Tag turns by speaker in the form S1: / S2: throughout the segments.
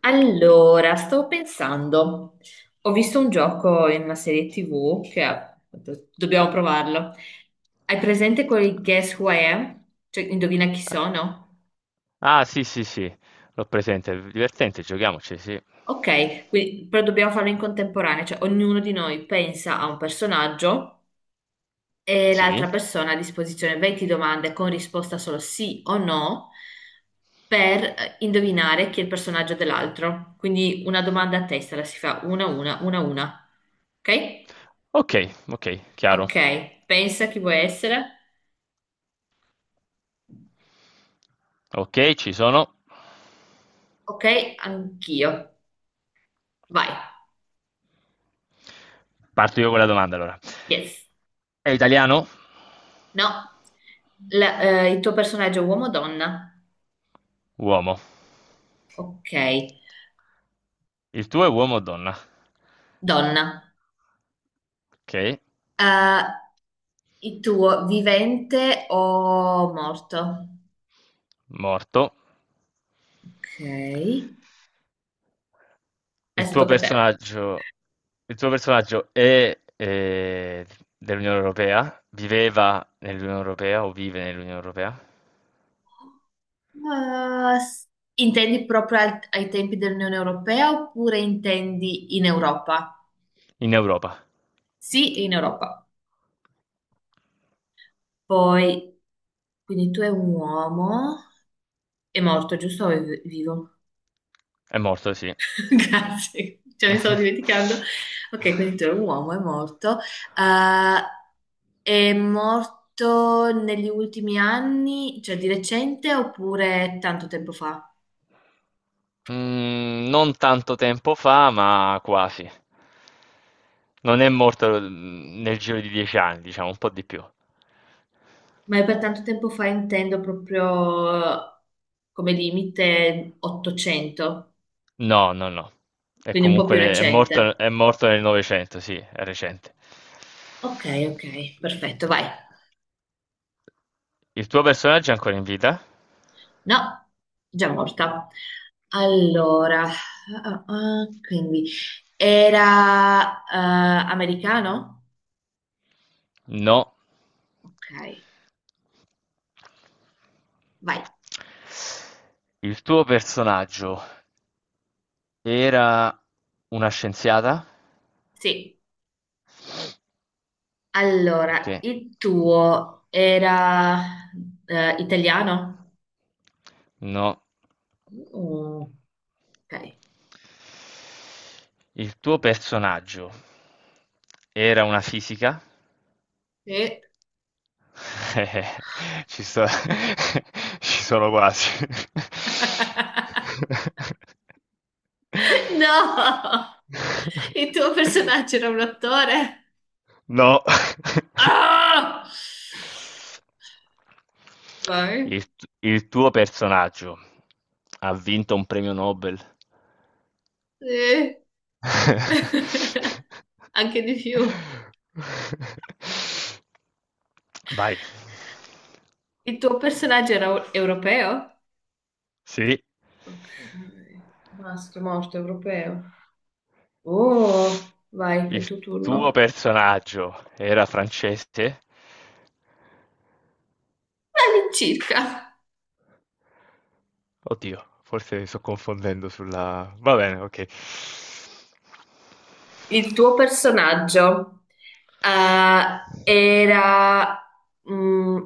S1: Allora, stavo pensando, ho visto un gioco in una serie TV che dobbiamo provarlo. Hai presente quel Guess Who I Am? Cioè, indovina chi sono?
S2: Ah, sì, sì, sì, l'ho presente, divertente, giochiamoci, sì.
S1: Ok, però dobbiamo farlo in contemporanea, cioè ognuno di noi pensa a un personaggio e
S2: Sì,
S1: l'altra persona ha a disposizione 20 domande con risposta solo sì o no per indovinare chi è il personaggio dell'altro. Quindi una domanda a testa la si fa una, a una, una, a una. Ok?
S2: ok, ok, chiaro.
S1: Ok, pensa chi vuoi essere.
S2: Ok, ci sono.
S1: Ok, anch'io. Vai.
S2: Parto io con la domanda allora.
S1: Yes.
S2: È italiano?
S1: No. Il tuo personaggio è uomo o donna?
S2: Uomo.
S1: Ok,
S2: Il tuo è uomo o donna?
S1: donna.
S2: Ok.
S1: Il tuo vivente o morto?
S2: Morto.
S1: Ok.
S2: Il
S1: Adesso
S2: tuo
S1: tocca a te.
S2: personaggio, il tuo personaggio è dell'Unione Europea? Viveva nell'Unione Europea o vive nell'Unione Europea?
S1: Eh, s- Intendi proprio ai tempi dell'Unione Europea oppure intendi in Europa?
S2: In Europa.
S1: Sì, in Europa. Poi, quindi tu è un uomo, è morto, giusto? O è vivo?
S2: È morto, sì.
S1: Grazie, cioè mi stavo dimenticando. Ok, quindi tu è un uomo, è morto. Eh, è morto negli ultimi anni, cioè di recente oppure tanto tempo fa?
S2: Mm, non tanto tempo fa, ma quasi. Non è morto nel giro di dieci anni, diciamo, un po' di più.
S1: Ma per tanto tempo fa intendo proprio come limite 800,
S2: No, no, no. È
S1: quindi un po'
S2: comunque
S1: più recente.
S2: è morto nel Novecento, sì, è recente.
S1: Ok, ok, perfetto, vai.
S2: Il tuo personaggio è ancora in vita?
S1: No, già morta. Allora, ah, ah, ah, quindi era americano?
S2: No.
S1: Ok, vai.
S2: Il tuo personaggio era una scienziata?
S1: Sì.
S2: Ok.
S1: Allora, il tuo era italiano?
S2: No.
S1: Mm, ok.
S2: Il tuo personaggio era una fisica?
S1: Sì.
S2: Eh, ci sto ci sono quasi.
S1: No! Il tuo personaggio era un attore?
S2: No.
S1: Ah! Vai.
S2: Il tuo personaggio ha vinto un premio Nobel?
S1: Sì. Anche di più.
S2: Vai.
S1: Il tuo personaggio era europeo?
S2: Sì.
S1: Ok. Maschio morto europeo. Oh, vai, è il
S2: Il
S1: tuo
S2: tuo
S1: turno.
S2: personaggio era francese?
S1: All'incirca.
S2: Oddio, forse mi sto confondendo sulla... Va bene, ok.
S1: Il tuo personaggio eh, era... mm,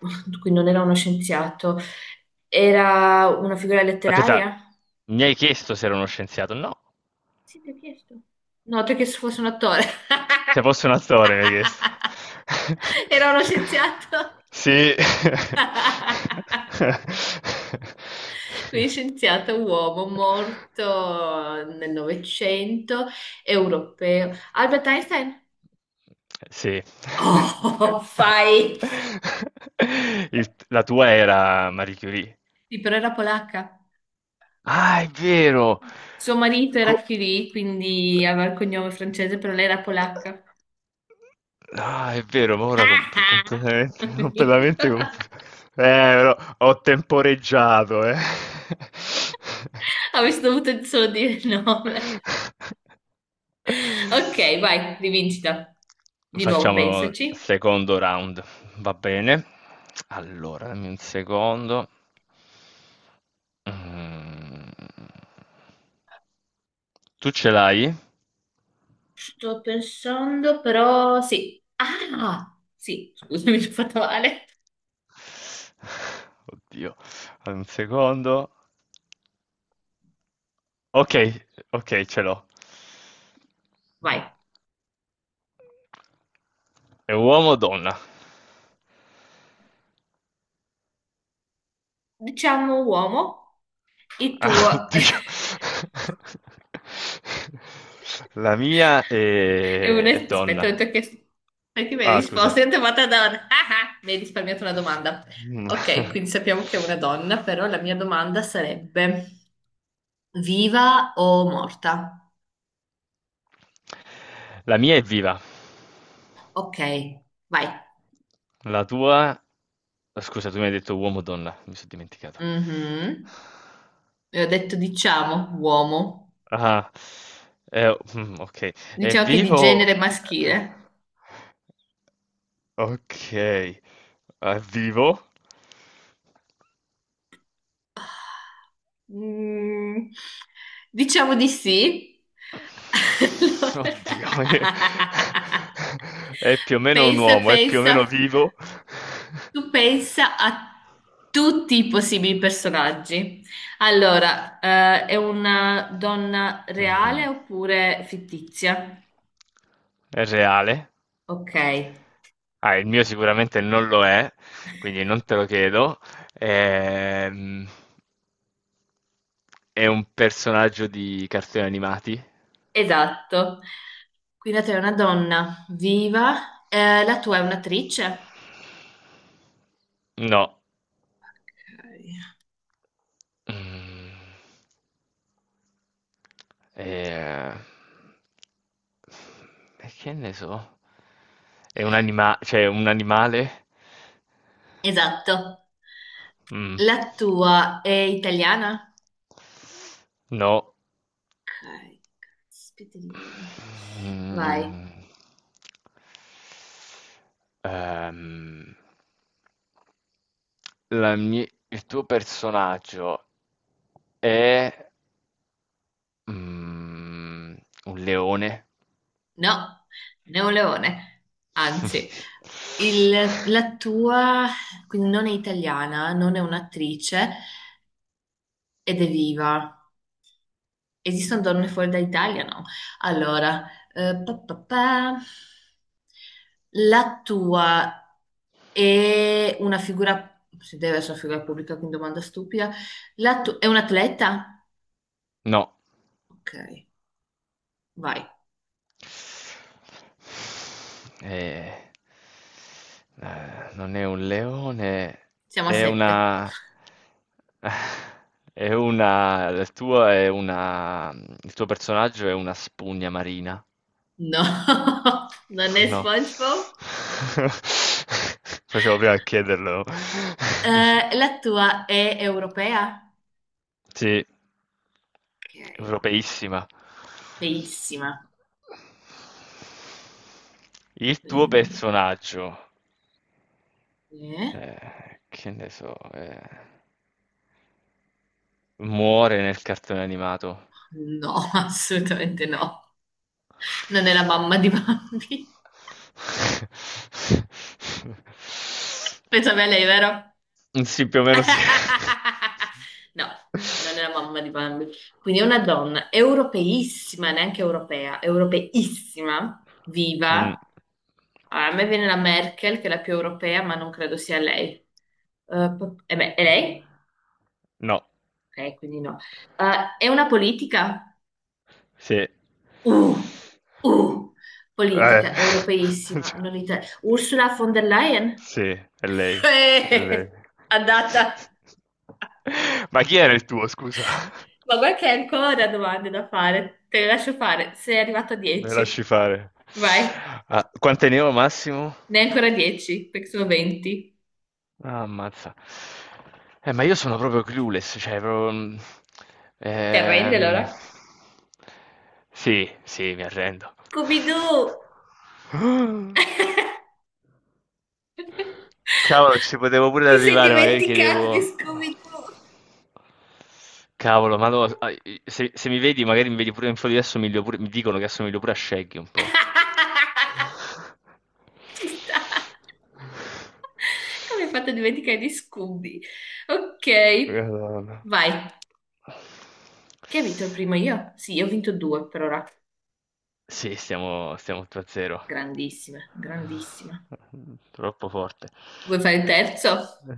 S1: quindi non era uno scienziato, era una figura
S2: Aspetta,
S1: letteraria?
S2: mi hai chiesto se ero uno scienziato? No,
S1: Sì, ti ho chiesto. No, perché se fosse un attore.
S2: se fossi un attore mi hai chiesto.
S1: Era uno scienziato.
S2: Sì.
S1: Quindi scienziato uomo morto nel Novecento, europeo. Albert Einstein?
S2: Sì.
S1: Oh, fai!
S2: La tua era Marie Curie.
S1: Sì, però era polacca.
S2: Ah, è vero!
S1: Suo marito
S2: Co-
S1: era Curie, quindi aveva il cognome francese, però lei era polacca.
S2: Ah, è vero, ma ora
S1: Ah, ah!
S2: completamente, completamente confuso. Però ho temporeggiato, eh.
S1: Avresti dovuto solo dire il nome. Ok, vai, rivincita. Di nuovo,
S2: Facciamo il
S1: pensaci.
S2: secondo round, va bene? Allora, dammi un secondo. Mm. Tu ce l'hai?
S1: Sto pensando, però sì. Ah, sì, scusami, ci ho fatto male.
S2: Oddio, un secondo. Ok, ok, ce l'ho.
S1: Vai.
S2: È uomo o donna?
S1: Diciamo uomo, il
S2: Ah,
S1: tuo è
S2: oddio. La mia
S1: un...
S2: è, è
S1: Aspetta, ho
S2: donna.
S1: detto che... Perché mi hai
S2: Ah, scusa.
S1: risposto? Io ti ho fatto donna. Ah, ah, mi hai risparmiato una domanda.
S2: Mm.
S1: Ok, quindi sappiamo che è una donna, però la mia domanda sarebbe viva o morta?
S2: La mia è viva.
S1: Ok, vai.
S2: La tua... Scusa, tu mi hai detto uomo o donna? Mi sono dimenticato.
S1: Mhm. E ho detto diciamo uomo.
S2: Ah, ok. È
S1: Diciamo che è di genere
S2: vivo?
S1: maschile.
S2: Ok. È vivo?
S1: Mm, diciamo di sì. Allora...
S2: Oddio, è più o meno un
S1: Pensa,
S2: uomo, è più o
S1: pensa,
S2: meno vivo.
S1: tu pensa a tutti i possibili personaggi. Allora, è una donna reale
S2: Mm.
S1: oppure fittizia?
S2: È reale?
S1: Ok,
S2: Ah, il mio sicuramente non lo è, quindi non te lo chiedo. Ehm. È un personaggio di cartoni animati?
S1: esatto. Qui la tua è una donna viva, la tua è un'attrice.
S2: No.
S1: Ok.
S2: Mm. Eh, e che ne so? È cioè un animale?
S1: Esatto.
S2: Mm.
S1: La tua è italiana?
S2: No.
S1: Ok, caspiterina. Vai.
S2: Mm. Ehm, il tuo personaggio è Mhmm, un leone?
S1: No, non è un leone. Anzi, la tua quindi non è italiana, non è un'attrice ed è viva. Esistono donne fuori dall'Italia? No. Allora, pa, pa, pa. La tua è una figura, se deve essere una figura pubblica, quindi domanda stupida. La tua è un atleta?
S2: No.
S1: Ok. Vai,
S2: Eh. Non è un leone,
S1: siamo a
S2: è
S1: sette.
S2: una è una il tuo è una il tuo personaggio è una spugna marina?
S1: No, non è
S2: No.
S1: SpongeBob.
S2: Facevo prima a chiederlo.
S1: La tua è europea?
S2: Sì.
S1: Ok,
S2: Europeissima.
S1: feissima.
S2: Il tuo
S1: Quindi,
S2: personaggio,
S1: eh?
S2: che ne so, muore nel cartone animato.
S1: No, assolutamente no. Non è la mamma di Bambi. Pensavi a lei, vero?
S2: Sì, più o meno sì.
S1: No, non è la mamma di Bambi. Quindi è una donna europeissima, neanche europea, europeissima,
S2: Mm,
S1: viva. Allora, a me viene la Merkel, che è la più europea, ma non credo sia lei. Eh beh, è lei?
S2: no.
S1: Ok, quindi no. È una politica?
S2: Sì.
S1: Uh, uh, politica europeissima,
S2: Cioè,
S1: non ita- Ursula von der Leyen?
S2: sì, è lei, è lei.
S1: Eh, andata.
S2: Ma chi era il tuo, scusa?
S1: Ma guarda che hai ancora domande da fare. Te le lascio fare. Sei arrivato a
S2: Me
S1: 10.
S2: lasci fare.
S1: Vai.
S2: Ah, quante ne ho massimo?
S1: Ne hai ancora 10, perché sono 20.
S2: Ah, ammazza. Ma io sono proprio clueless, cioè proprio...
S1: Ti arrendi allora?
S2: ehm, Sì, sì, mi arrendo.
S1: Scooby-Doo!
S2: Cavolo, ci potevo pure
S1: Ti sei
S2: arrivare, magari
S1: dimenticato di
S2: chiedevo...
S1: Scooby-Doo?
S2: Cavolo, ma no, ah, se, se mi vedi, magari mi vedi pure in foto di assomiglio pure, mi dicono che assomiglio pure a Shaggy un po'.
S1: Ci sta. Come hai fatto a dimenticare di Scooby? Ok,
S2: Madonna.
S1: vai. Che ha vinto il primo io? Sì, io ho vinto due per ora.
S2: Sì, stiamo 8-0.
S1: Grandissima, grandissima.
S2: Troppo forte.
S1: Vuoi fare il terzo?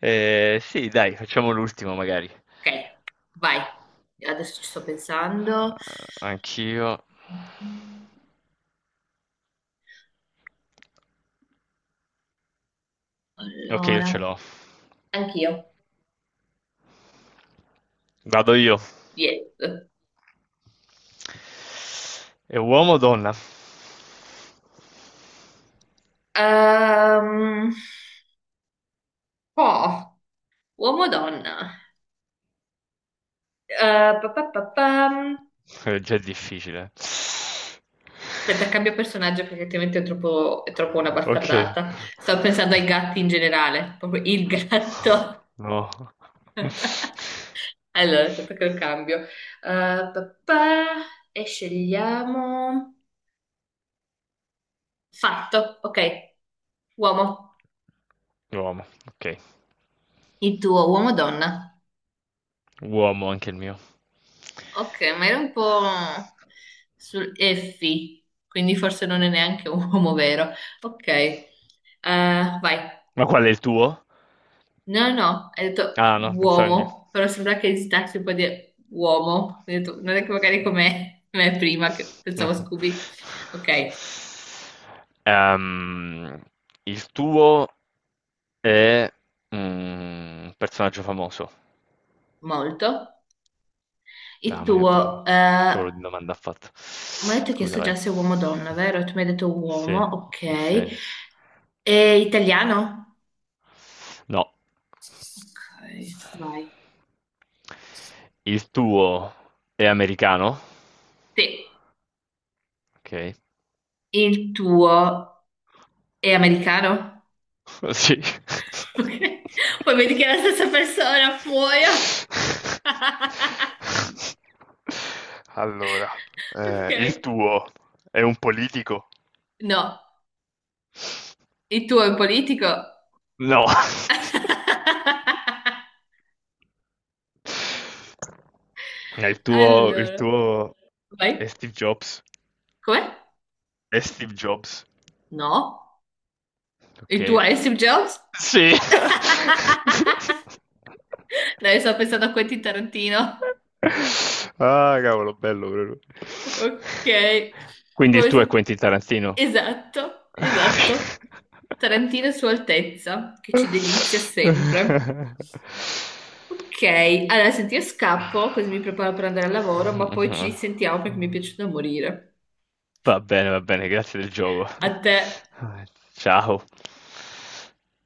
S2: Sì, dai, facciamo l'ultimo magari.
S1: Ok, vai. Adesso ci sto pensando.
S2: Anch'io. Ok, io
S1: Allora,
S2: ce l'ho.
S1: anch'io.
S2: Vado io.
S1: Yes.
S2: È uomo o donna?
S1: Ehm, oh, uomo o donna? Eh, pa, pa, pa, pam.
S2: È già difficile.
S1: Aspetta, cambio personaggio perché altrimenti è troppo una
S2: Ok.
S1: bastardata. Stavo pensando ai gatti in generale, proprio il gatto.
S2: No.
S1: Allora, aspetta che lo cambio. Pa, pa, e scegliamo... Fatto, ok. Uomo.
S2: Uomo, ok.
S1: Il tuo uomo o donna?
S2: Uomo anche il mio.
S1: Ok, ma era un po' sul effi, quindi forse non è neanche un uomo vero. Ok, eh, vai.
S2: Ma qual è il tuo?
S1: No, no, no, hai detto
S2: Ah, no, pensavo il
S1: uomo,
S2: mio.
S1: però sembra che esitassi un po' di uomo. Ho detto, non è che magari come me prima, che pensavo Scooby. Ok,
S2: Ehm, il tuo è mm, un personaggio famoso.
S1: molto. Il
S2: Ah,
S1: tuo,
S2: che cavolo di domanda ha fatto?
S1: mi hai detto che
S2: Scusa,
S1: chiesto
S2: vai.
S1: già se è uomo o donna, vero? Tu mi hai detto
S2: Sì,
S1: uomo, ok.
S2: sì.
S1: È italiano?
S2: No.
S1: Ok, vai.
S2: Il tuo è americano?
S1: Sì.
S2: Ok.
S1: Il tuo è americano?
S2: Sì.
S1: Ok. Poi vedi che è la stessa persona, muoio.
S2: Allora, il
S1: Ok.
S2: tuo è un politico?
S1: No, il tuo è un politico?
S2: No. Il tuo, il
S1: Allora,
S2: tuo
S1: vai.
S2: è Steve Jobs.
S1: Com'è?
S2: È Steve Jobs.
S1: No. Il tuo
S2: Ok.
S1: è Steve Jobs?
S2: Sì.
S1: Dai, sto pensando a Quentin Tarantino.
S2: Ah, cavolo, bello proprio.
S1: Ok.
S2: Quindi il
S1: Vuoi
S2: tuo è Quentin Tarantino.
S1: Esatto, esatto. Tarantino Sua Altezza, che ci delizia sempre. Ok, allora senti, io scappo, così mi preparo per andare al lavoro, ma poi ci sentiamo perché mi è piaciuto da morire.
S2: Va bene, grazie del gioco.
S1: A te.
S2: Ciao.